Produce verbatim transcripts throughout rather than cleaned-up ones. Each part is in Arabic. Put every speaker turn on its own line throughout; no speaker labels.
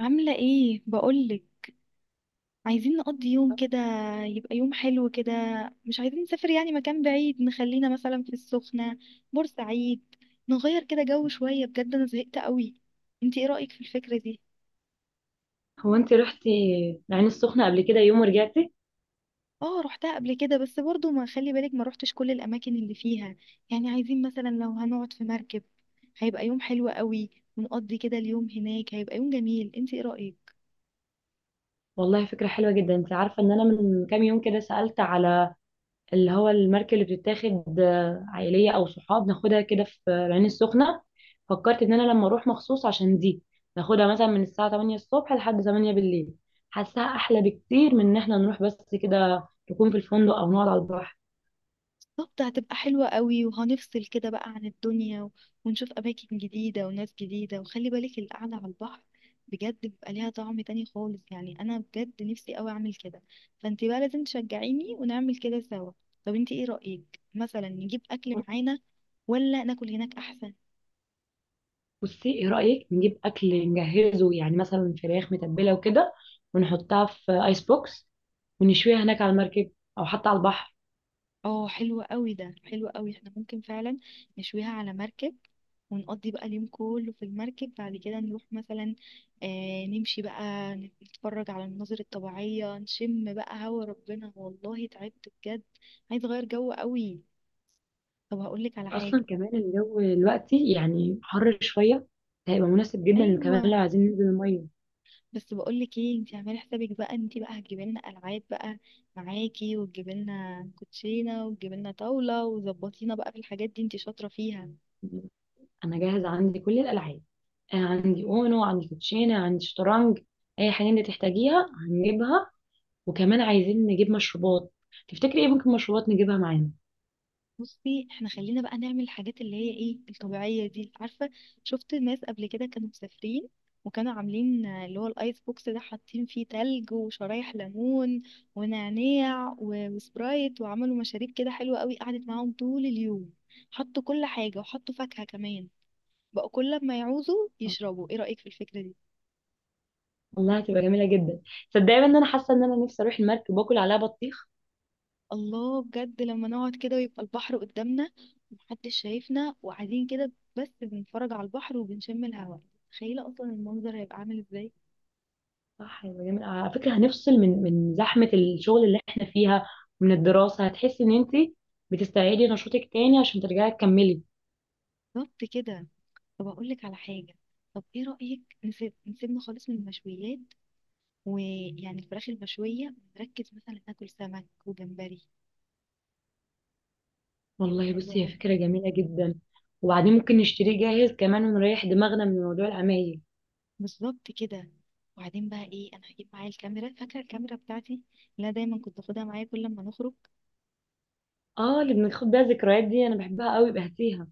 عاملة ايه بقولك؟ عايزين نقضي يوم كده، يبقى يوم حلو كده. مش عايزين نسافر يعني مكان بعيد، نخلينا مثلا في السخنة، بورسعيد. نغير كده جو شوية، بجد انا زهقت قوي. انتي ايه رأيك في الفكرة دي؟
هو انت رحتي العين السخنة قبل كده يوم ورجعتي؟
اه روحتها قبل كده، بس برضو ما خلي بالك ما روحتش كل الاماكن اللي فيها. يعني عايزين مثلا لو هنقعد في مركب، هيبقى يوم حلو قوي. ونقضي كده اليوم هناك، هيبقى يوم جميل. انتي ايه رأيك؟
والله فكرة حلوة جدا. انت عارفة ان انا من كام يوم كده سألت على اللي هو المركب اللي بتتاخد آه، عائلية او صحاب، ناخدها كده في العين السخنة. فكرت ان انا لما اروح مخصوص عشان دي ناخدها مثلا من الساعة الثامنة الصبح لحد الثامنة بالليل. حاساها احلى بكتير من ان احنا نروح بس كده نكون في الفندق او نقعد على البحر.
بالظبط، هتبقى حلوة قوي وهنفصل كده بقى عن الدنيا و- ونشوف أماكن جديدة وناس جديدة. وخلي بالك القعدة على البحر بجد بيبقى ليها طعم تاني خالص، يعني أنا بجد نفسي قوي أعمل كده. فأنت بقى لازم تشجعيني ونعمل كده سوا. طب أنت إيه رأيك مثلا نجيب أكل معانا، ولا ناكل هناك أحسن؟
بصي، ايه رأيك نجيب اكل نجهزه، يعني مثلا فراخ متبلة وكده، ونحطها في ايس بوكس ونشويها هناك على المركب او حتى على البحر.
اه حلو قوي، ده حلو قوي، احنا ممكن فعلا نشويها على مركب ونقضي بقى اليوم كله في المركب. بعد كده نروح مثلا، آه، نمشي بقى، نتفرج على المناظر الطبيعية، نشم بقى هوا ربنا. والله تعبت بجد، عايز اغير جو قوي. طب هقولك على
اصلا
حاجة.
كمان الجو دلوقتي يعني حر شويه، هيبقى مناسب جدا
ايوه،
كمان لو عايزين ننزل الميه.
بس بقولك ايه، انتي اعملي حسابك بقى ان انتي بقى هتجيبي لنا العاب بقى معاكي، وتجيبي لنا كوتشينه، وتجيبي لنا طاوله، وظبطينا بقى في الحاجات دي، انتي شاطره فيها.
انا جاهزه، عندي كل الالعاب. انا عندي اونو، عندي كوتشينه، عندي شطرنج. اي حاجه انت تحتاجيها هنجيبها. وكمان عايزين نجيب مشروبات. تفتكري ايه ممكن مشروبات نجيبها معانا؟
بصي احنا خلينا بقى نعمل الحاجات اللي هي ايه الطبيعية دي، عارفة؟ شفت ناس قبل كده كانوا مسافرين وكانوا عاملين آه، اللي هو الايس بوكس ده، حاطين فيه تلج وشرايح ليمون ونعناع و- وسبرايت، وعملوا مشاريب كده حلوة قوي، قعدت معاهم طول اليوم. حطوا كل حاجة، وحطوا فاكهة كمان، بقوا كل ما يعوزوا يشربوا. ايه رأيك في الفكرة دي؟
والله هتبقى جميله جدا. صدقني ان انا حاسه ان انا نفسي اروح المركب واكل عليها بطيخ.
الله، بجد لما نقعد كده ويبقى البحر قدامنا، ومحدش شايفنا، وقاعدين كده بس بنتفرج على البحر وبنشم الهواء، تخيلة اصلا المنظر هيبقى عامل ازاي.
صح، يبقى جميل. آه، على فكرة هنفصل من من زحمة الشغل اللي احنا فيها ومن الدراسة. هتحسي ان انت بتستعيدي نشاطك تاني عشان ترجعي تكملي.
بالظبط كده. طب اقول لك على حاجة، طب ايه رأيك نسيب نسيبنا خالص من المشويات ويعني الفراخ المشوية، نركز مثلا ناكل سمك وجمبري؟ هيبقى
والله
حلو
بصي، هي
قوي.
فكرة جميلة جدا. وبعدين ممكن نشتريه جاهز كمان ونريح دماغنا من موضوع العمايل.
بالظبط كده. وبعدين بقى ايه، انا هجيب معايا الكاميرا، فاكرة الكاميرا بتاعتي اللي انا دايما كنت باخدها معايا كل لما نخرج؟
اه، اللي بناخد بيها الذكريات دي؟ انا بحبها قوي بهتيها.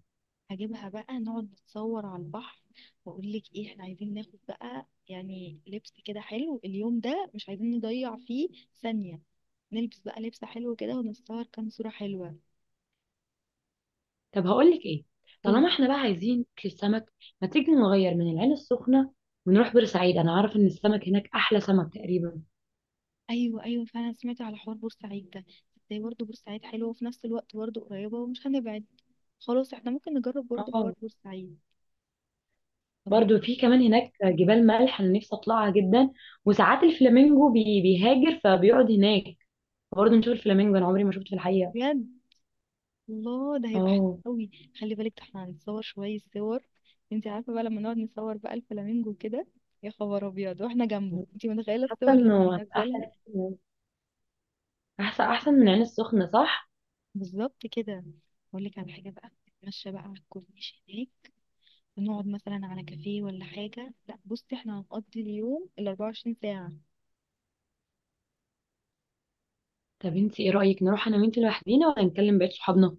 هجيبها بقى، نقعد نتصور على البحر. واقول لك ايه، احنا عايزين ناخد بقى يعني لبس كده حلو، اليوم ده مش عايزين نضيع فيه ثانية. نلبس بقى لبس حلو كده ونتصور كام صورة حلوة.
طب هقول لك ايه،
قول.
طالما احنا بقى عايزين ناكل السمك، ما تيجي نغير من العين السخنة ونروح بورسعيد؟ انا عارفة ان السمك هناك احلى سمك تقريبا.
ايوه ايوه، فعلا سمعت على حوار بورسعيد ده. ازاي برضه بورسعيد حلوة وفي نفس الوقت برضه قريبة ومش هنبعد. خلاص، احنا ممكن نجرب برضه حوار
اه.
بورسعيد. طب هقول.
برضو في كمان هناك جبال ملح انا نفسي اطلعها جدا. وساعات الفلامينجو بي بيهاجر فبيقعد هناك، برضو نشوف الفلامينجو، انا عمري ما شفته في الحقيقه.
بجد؟ الله، ده هيبقى حلو
اه،
قوي. خلي بالك ده احنا هنتصور شوية صور. انت عارفة بقى لما نقعد نصور بقى الفلامينجو كده، يا خبر ابيض، واحنا جنبه، انت متخيلة
حاسه
الصور لما
انه هتبقى
ننزلها.
احلى كتير. احسن احسن من عين السخنه، صح؟
بالظبط كده. اقول لك على حاجة بقى، نتمشى بقى على الكورنيش هناك، ونقعد مثلا على كافيه ولا حاجة. لا بصي، احنا هنقضي اليوم ال أربعة وعشرين ساعة.
طب انت ايه رايك نروح انا وانت لوحدينا ولا نكلم بقيه صحابنا؟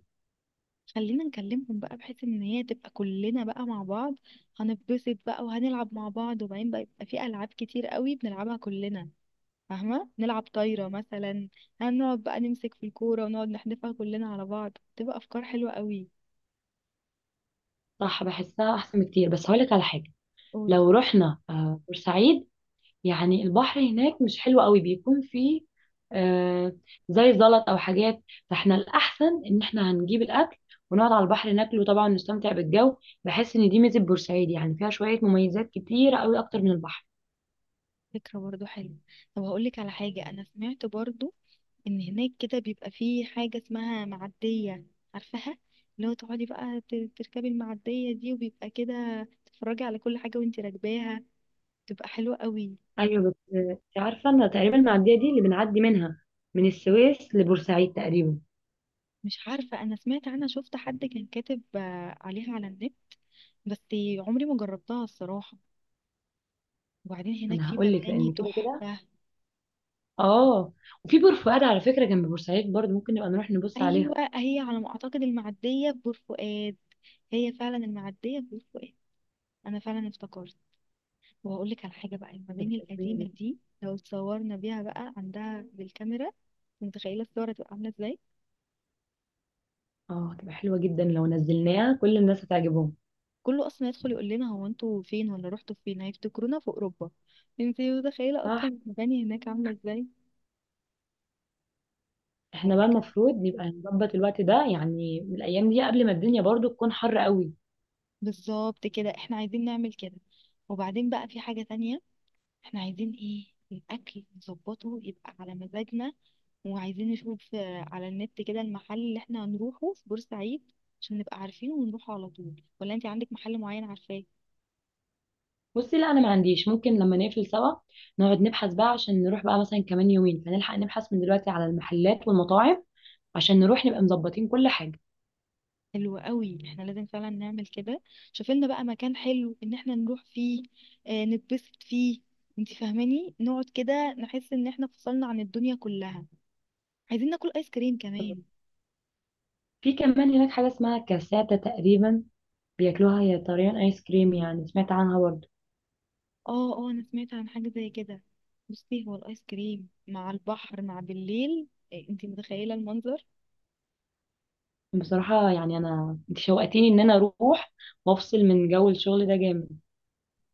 خلينا نكلمهم بقى، بحيث ان هي تبقى كلنا بقى مع بعض. هنتبسط بقى وهنلعب مع بعض، وبعدين بقى يبقى في العاب كتير قوي بنلعبها كلنا، فاهمة؟ نلعب طايرة مثلا، هنقعد بقى نمسك في الكورة ونقعد نحدفها كلنا على بعض. تبقى أفكار حلوة قوي.
صح، بحسها احسن بكتير. بس هقولك على حاجه،
قولي.
لو رحنا آه، بورسعيد، يعني البحر هناك مش حلو قوي، بيكون فيه آه زي زلط او حاجات. فاحنا الاحسن ان احنا هنجيب الاكل ونقعد على البحر ناكله طبعا، نستمتع بالجو. بحس ان دي ميزه بورسعيد، يعني فيها شويه مميزات كتيره قوي اكتر من البحر.
فكرة برضو حلوة. طب هقولك على حاجة، أنا سمعت برضو إن هناك كده بيبقى فيه حاجة اسمها معدية، عارفاها؟ اللي هو تقعدي بقى ت- تركبي المعدية دي، وبيبقى كده تتفرجي على كل حاجة وانتي راكباها، تبقى حلوة قوي.
ايوه، بس آه، انت عارفه انا تقريبا المعديه دي اللي بنعدي منها من السويس لبورسعيد تقريبا.
مش عارفة، أنا سمعت عنها، شفت حد كان كاتب آه، عليها على النت، بس عمري ما جربتها الصراحة. وبعدين هناك
انا
في
هقول لك
مباني
لان كده كده.
تحفة.
اه. وفي بور فؤاد على فكره جنب بورسعيد، برضه ممكن نبقى نروح نبص
ايوه،
عليها.
هي على ما اعتقد المعديه ببور فؤاد، هي فعلا المعديه ببور فؤاد، انا فعلا افتكرت. وهقول لك على حاجه بقى، المباني
هتبقى جميله
القديمه
جدا.
دي لو اتصورنا بيها بقى عندها بالكاميرا، متخيله الصور هتبقى عامله ازاي؟
اه هتبقى حلوه جدا، لو نزلناها كل الناس هتعجبهم.
كله اصلا يدخل يقول لنا هو انتوا فين، ولا رحتوا فين، هيفتكرونا في اوروبا. انت متخيله اصلا
صح.
المباني هناك عامله ازاي؟
احنا
هقول
بقى
لك.
المفروض نبقى نظبط الوقت ده يعني من الايام دي قبل ما الدنيا برضو تكون حر قوي.
بالظبط كده، احنا عايزين نعمل كده. وبعدين بقى في حاجه تانية، احنا عايزين ايه، الاكل نظبطه يبقى على مزاجنا. وعايزين نشوف آه، على النت كده المحل اللي احنا هنروحه في بورسعيد، عشان نبقى عارفينه ونروحه على طول. ولا انت عندك محل معين عارفاه؟
بصي لا، انا ما عنديش. ممكن لما نقفل سوا نقعد نبحث بقى، عشان نروح بقى مثلا كمان يومين، فنلحق نبحث من دلوقتي على المحلات والمطاعم عشان نروح نبقى مظبطين كل حاجة.
حلو قوي، احنا لازم فعلا نعمل كده. شوفي لنا بقى مكان حلو ان احنا نروح فيه، اه، نتبسط فيه. انت فاهماني؟ نقعد كده نحس ان احنا فصلنا عن الدنيا كلها. عايزين ناكل ايس كريم كمان.
في كمان هناك حاجة اسمها كاساتا تقريبا، بياكلوها، هي طريان ايس كريم يعني، سمعت عنها برضو.
اه اه، انا سمعت عن حاجة زي كده. بصي، هو الايس كريم مع البحر مع بالليل، إيه، انتي متخيلة المنظر؟
بصراحة يعني انا انت شوقتيني ان انا اروح وافصل من جو الشغل ده جامد.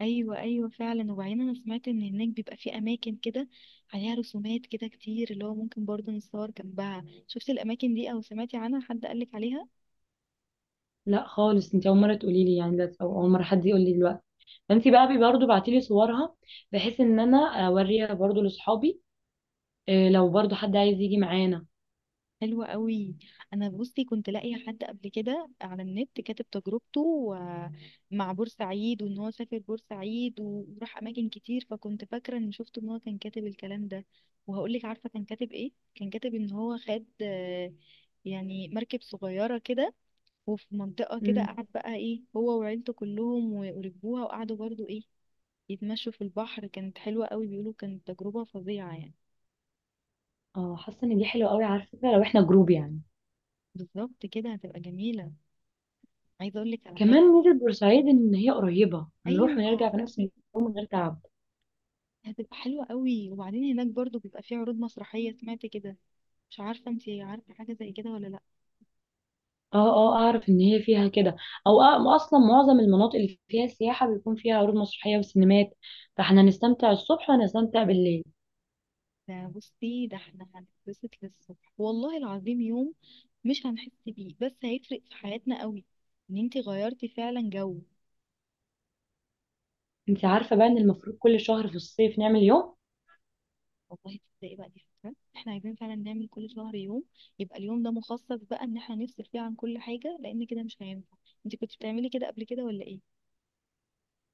ايوه ايوه، فعلا. وبعدين انا سمعت ان هناك بيبقى في اماكن كده عليها رسومات كده كتير، اللي هو ممكن برضه نتصور جنبها. شفتي الاماكن دي، او سمعتي عنها، حد قالك عليها؟
لا خالص، انت اول مرة تقولي لي يعني ده، او اول مرة حد يقول لي دلوقتي. فانت بقى بي- برضه بعتيلي صورها بحيث ان انا اوريها برضه لاصحابي، آه، لو برضه حد عايز يجي معانا.
حلوة قوي. انا بصي كنت لاقيه حد قبل كده على النت كاتب تجربته و- مع بورسعيد، وان هو سافر بورسعيد و- وراح اماكن كتير، فكنت فاكره ان شفت ان هو كان كاتب الكلام ده. وهقول لك، عارفه كان كاتب ايه؟ كان كاتب ان هو خد آه، يعني مركب صغيره كده، وفي منطقه كده
مم.
قعد بقى ايه هو وعيلته كلهم و- وركبوها وقعدوا برضو ايه يتمشوا في البحر، كانت حلوه قوي، بيقولوا كانت تجربه فظيعه يعني.
اه، حاسه ان دي حلوه قوي، على فكره لو احنا جروب يعني.
بالظبط كده، هتبقى جميله. عايزه اقول لك على
كمان
حاجه.
ميزه بورسعيد ان هي قريبه، هنروح
ايوه،
ونرجع في نفس اليوم من غير تعب.
هتبقى حلوة قوي. وبعدين هناك برضو بيبقى فيه عروض مسرحية، سمعت كده. مش عارفة انتي عارفة حاجة زي كده ولا لأ.
اه اه، اعرف ان هي فيها كده. او أ- اصلا معظم المناطق اللي فيها سياحه بيكون فيها عروض مسرحيه وسينمات، فاحنا هنستمتع الصبح وهنستمتع بالليل.
ده بصي، ده احنا هنتبسط للصبح، والله العظيم يوم مش هنحس بيه، بس هيفرق في حياتنا قوي، ان انتي غيرتي فعلا جو.
انت عارفه بقى ان المفروض كل شهر في الصيف نعمل يوم.
والله تصدقي بقى، دي فكرة، احنا عايزين فعلا نعمل كل شهر يوم. يبقى اليوم ده مخصص بقى ان احنا نفصل فيه عن كل حاجة، لان كده مش هينفع. انتي كنت بتعملي كده قبل كده ولا ايه؟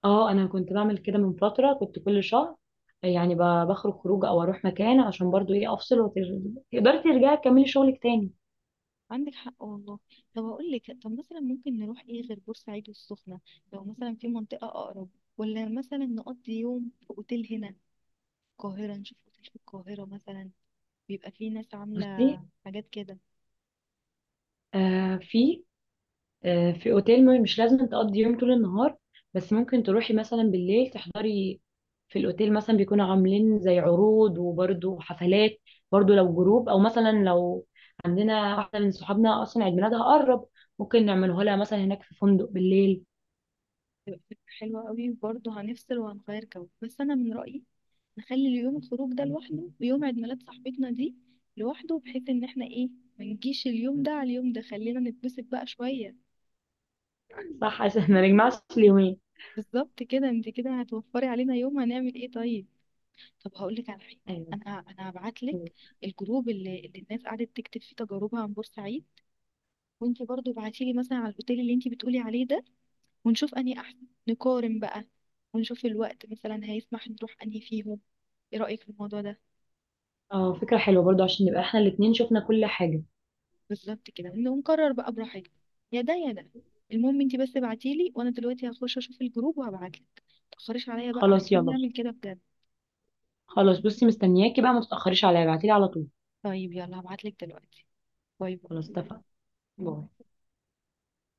اه، انا كنت بعمل كده من فتره، كنت كل شهر يعني ب- بخرج خروج او اروح مكان عشان برضو ايه افصل، وتقدري ترجعي تكملي شغلك تاني.
عندك حق والله. طب هقول لك، طب مثلا ممكن نروح ايه غير بورسعيد والسخنة؟ لو مثلا في منطقة اقرب، ولا مثلا نقضي يوم في اوتيل هنا في القاهرة، نشوف اوتيل في القاهرة مثلا، بيبقى فيه ناس عاملة
بصي،
حاجات كده.
آه في، آه في اوتيل، م- مش لازم تقضي يوم طول النهار، بس ممكن تروحي مثلا بالليل تحضري في الاوتيل، مثلا بيكونوا عاملين زي عروض وبرضو حفلات. برضو لو جروب، او مثلا لو عندنا واحده من صحابنا اصلا عيد ميلادها قرب، ممكن نعمله لها مثلا هناك في فندق بالليل.
بتبقى فكرة حلوة قوي، وبرضه هنفصل وهنغير جو. بس انا من رأيي نخلي اليوم الخروج ده لوحده، ويوم عيد ميلاد صاحبتنا دي لوحده، بحيث ان احنا ايه، ما نجيش اليوم ده على اليوم ده، خلينا نتبسط بقى شوية.
صح، عشان ما نجمعش اليومين.
بالظبط كده، انت كده هتوفري علينا يوم، هنعمل ايه طيب. طب هقول لك على حاجه.
ايوه.
انا انا هبعت لك الجروب اللي, اللي الناس قعدت تكتب فيه تجاربها عن بورسعيد. وانت برضو ابعتي لي مثلا على الاوتيل اللي انت بتقولي عليه ده، ونشوف انهي احسن، نقارن بقى، ونشوف الوقت مثلا هيسمح نروح انهي فيهم. ايه رايك في الموضوع ده؟
اه فكرة حلوة برضو عشان نبقى احنا الاتنين شفنا كل حاجة.
بالظبط كده، ونقرر بقى براحتنا. يا ده يا ده، المهم انت بس ابعتي لي، وانا دلوقتي هخش اشوف الجروب وهبعت لك. متأخريش عليا بقى،
خلاص
عايزين
يلا.
نعمل كده بجد.
خلاص بصي، مستنياكي بقى، ما تتأخريش عليا، ابعتيلي على طول.
طيب يلا، هبعت لك دلوقتي. باي. باي.
خلاص اتفقنا. باي.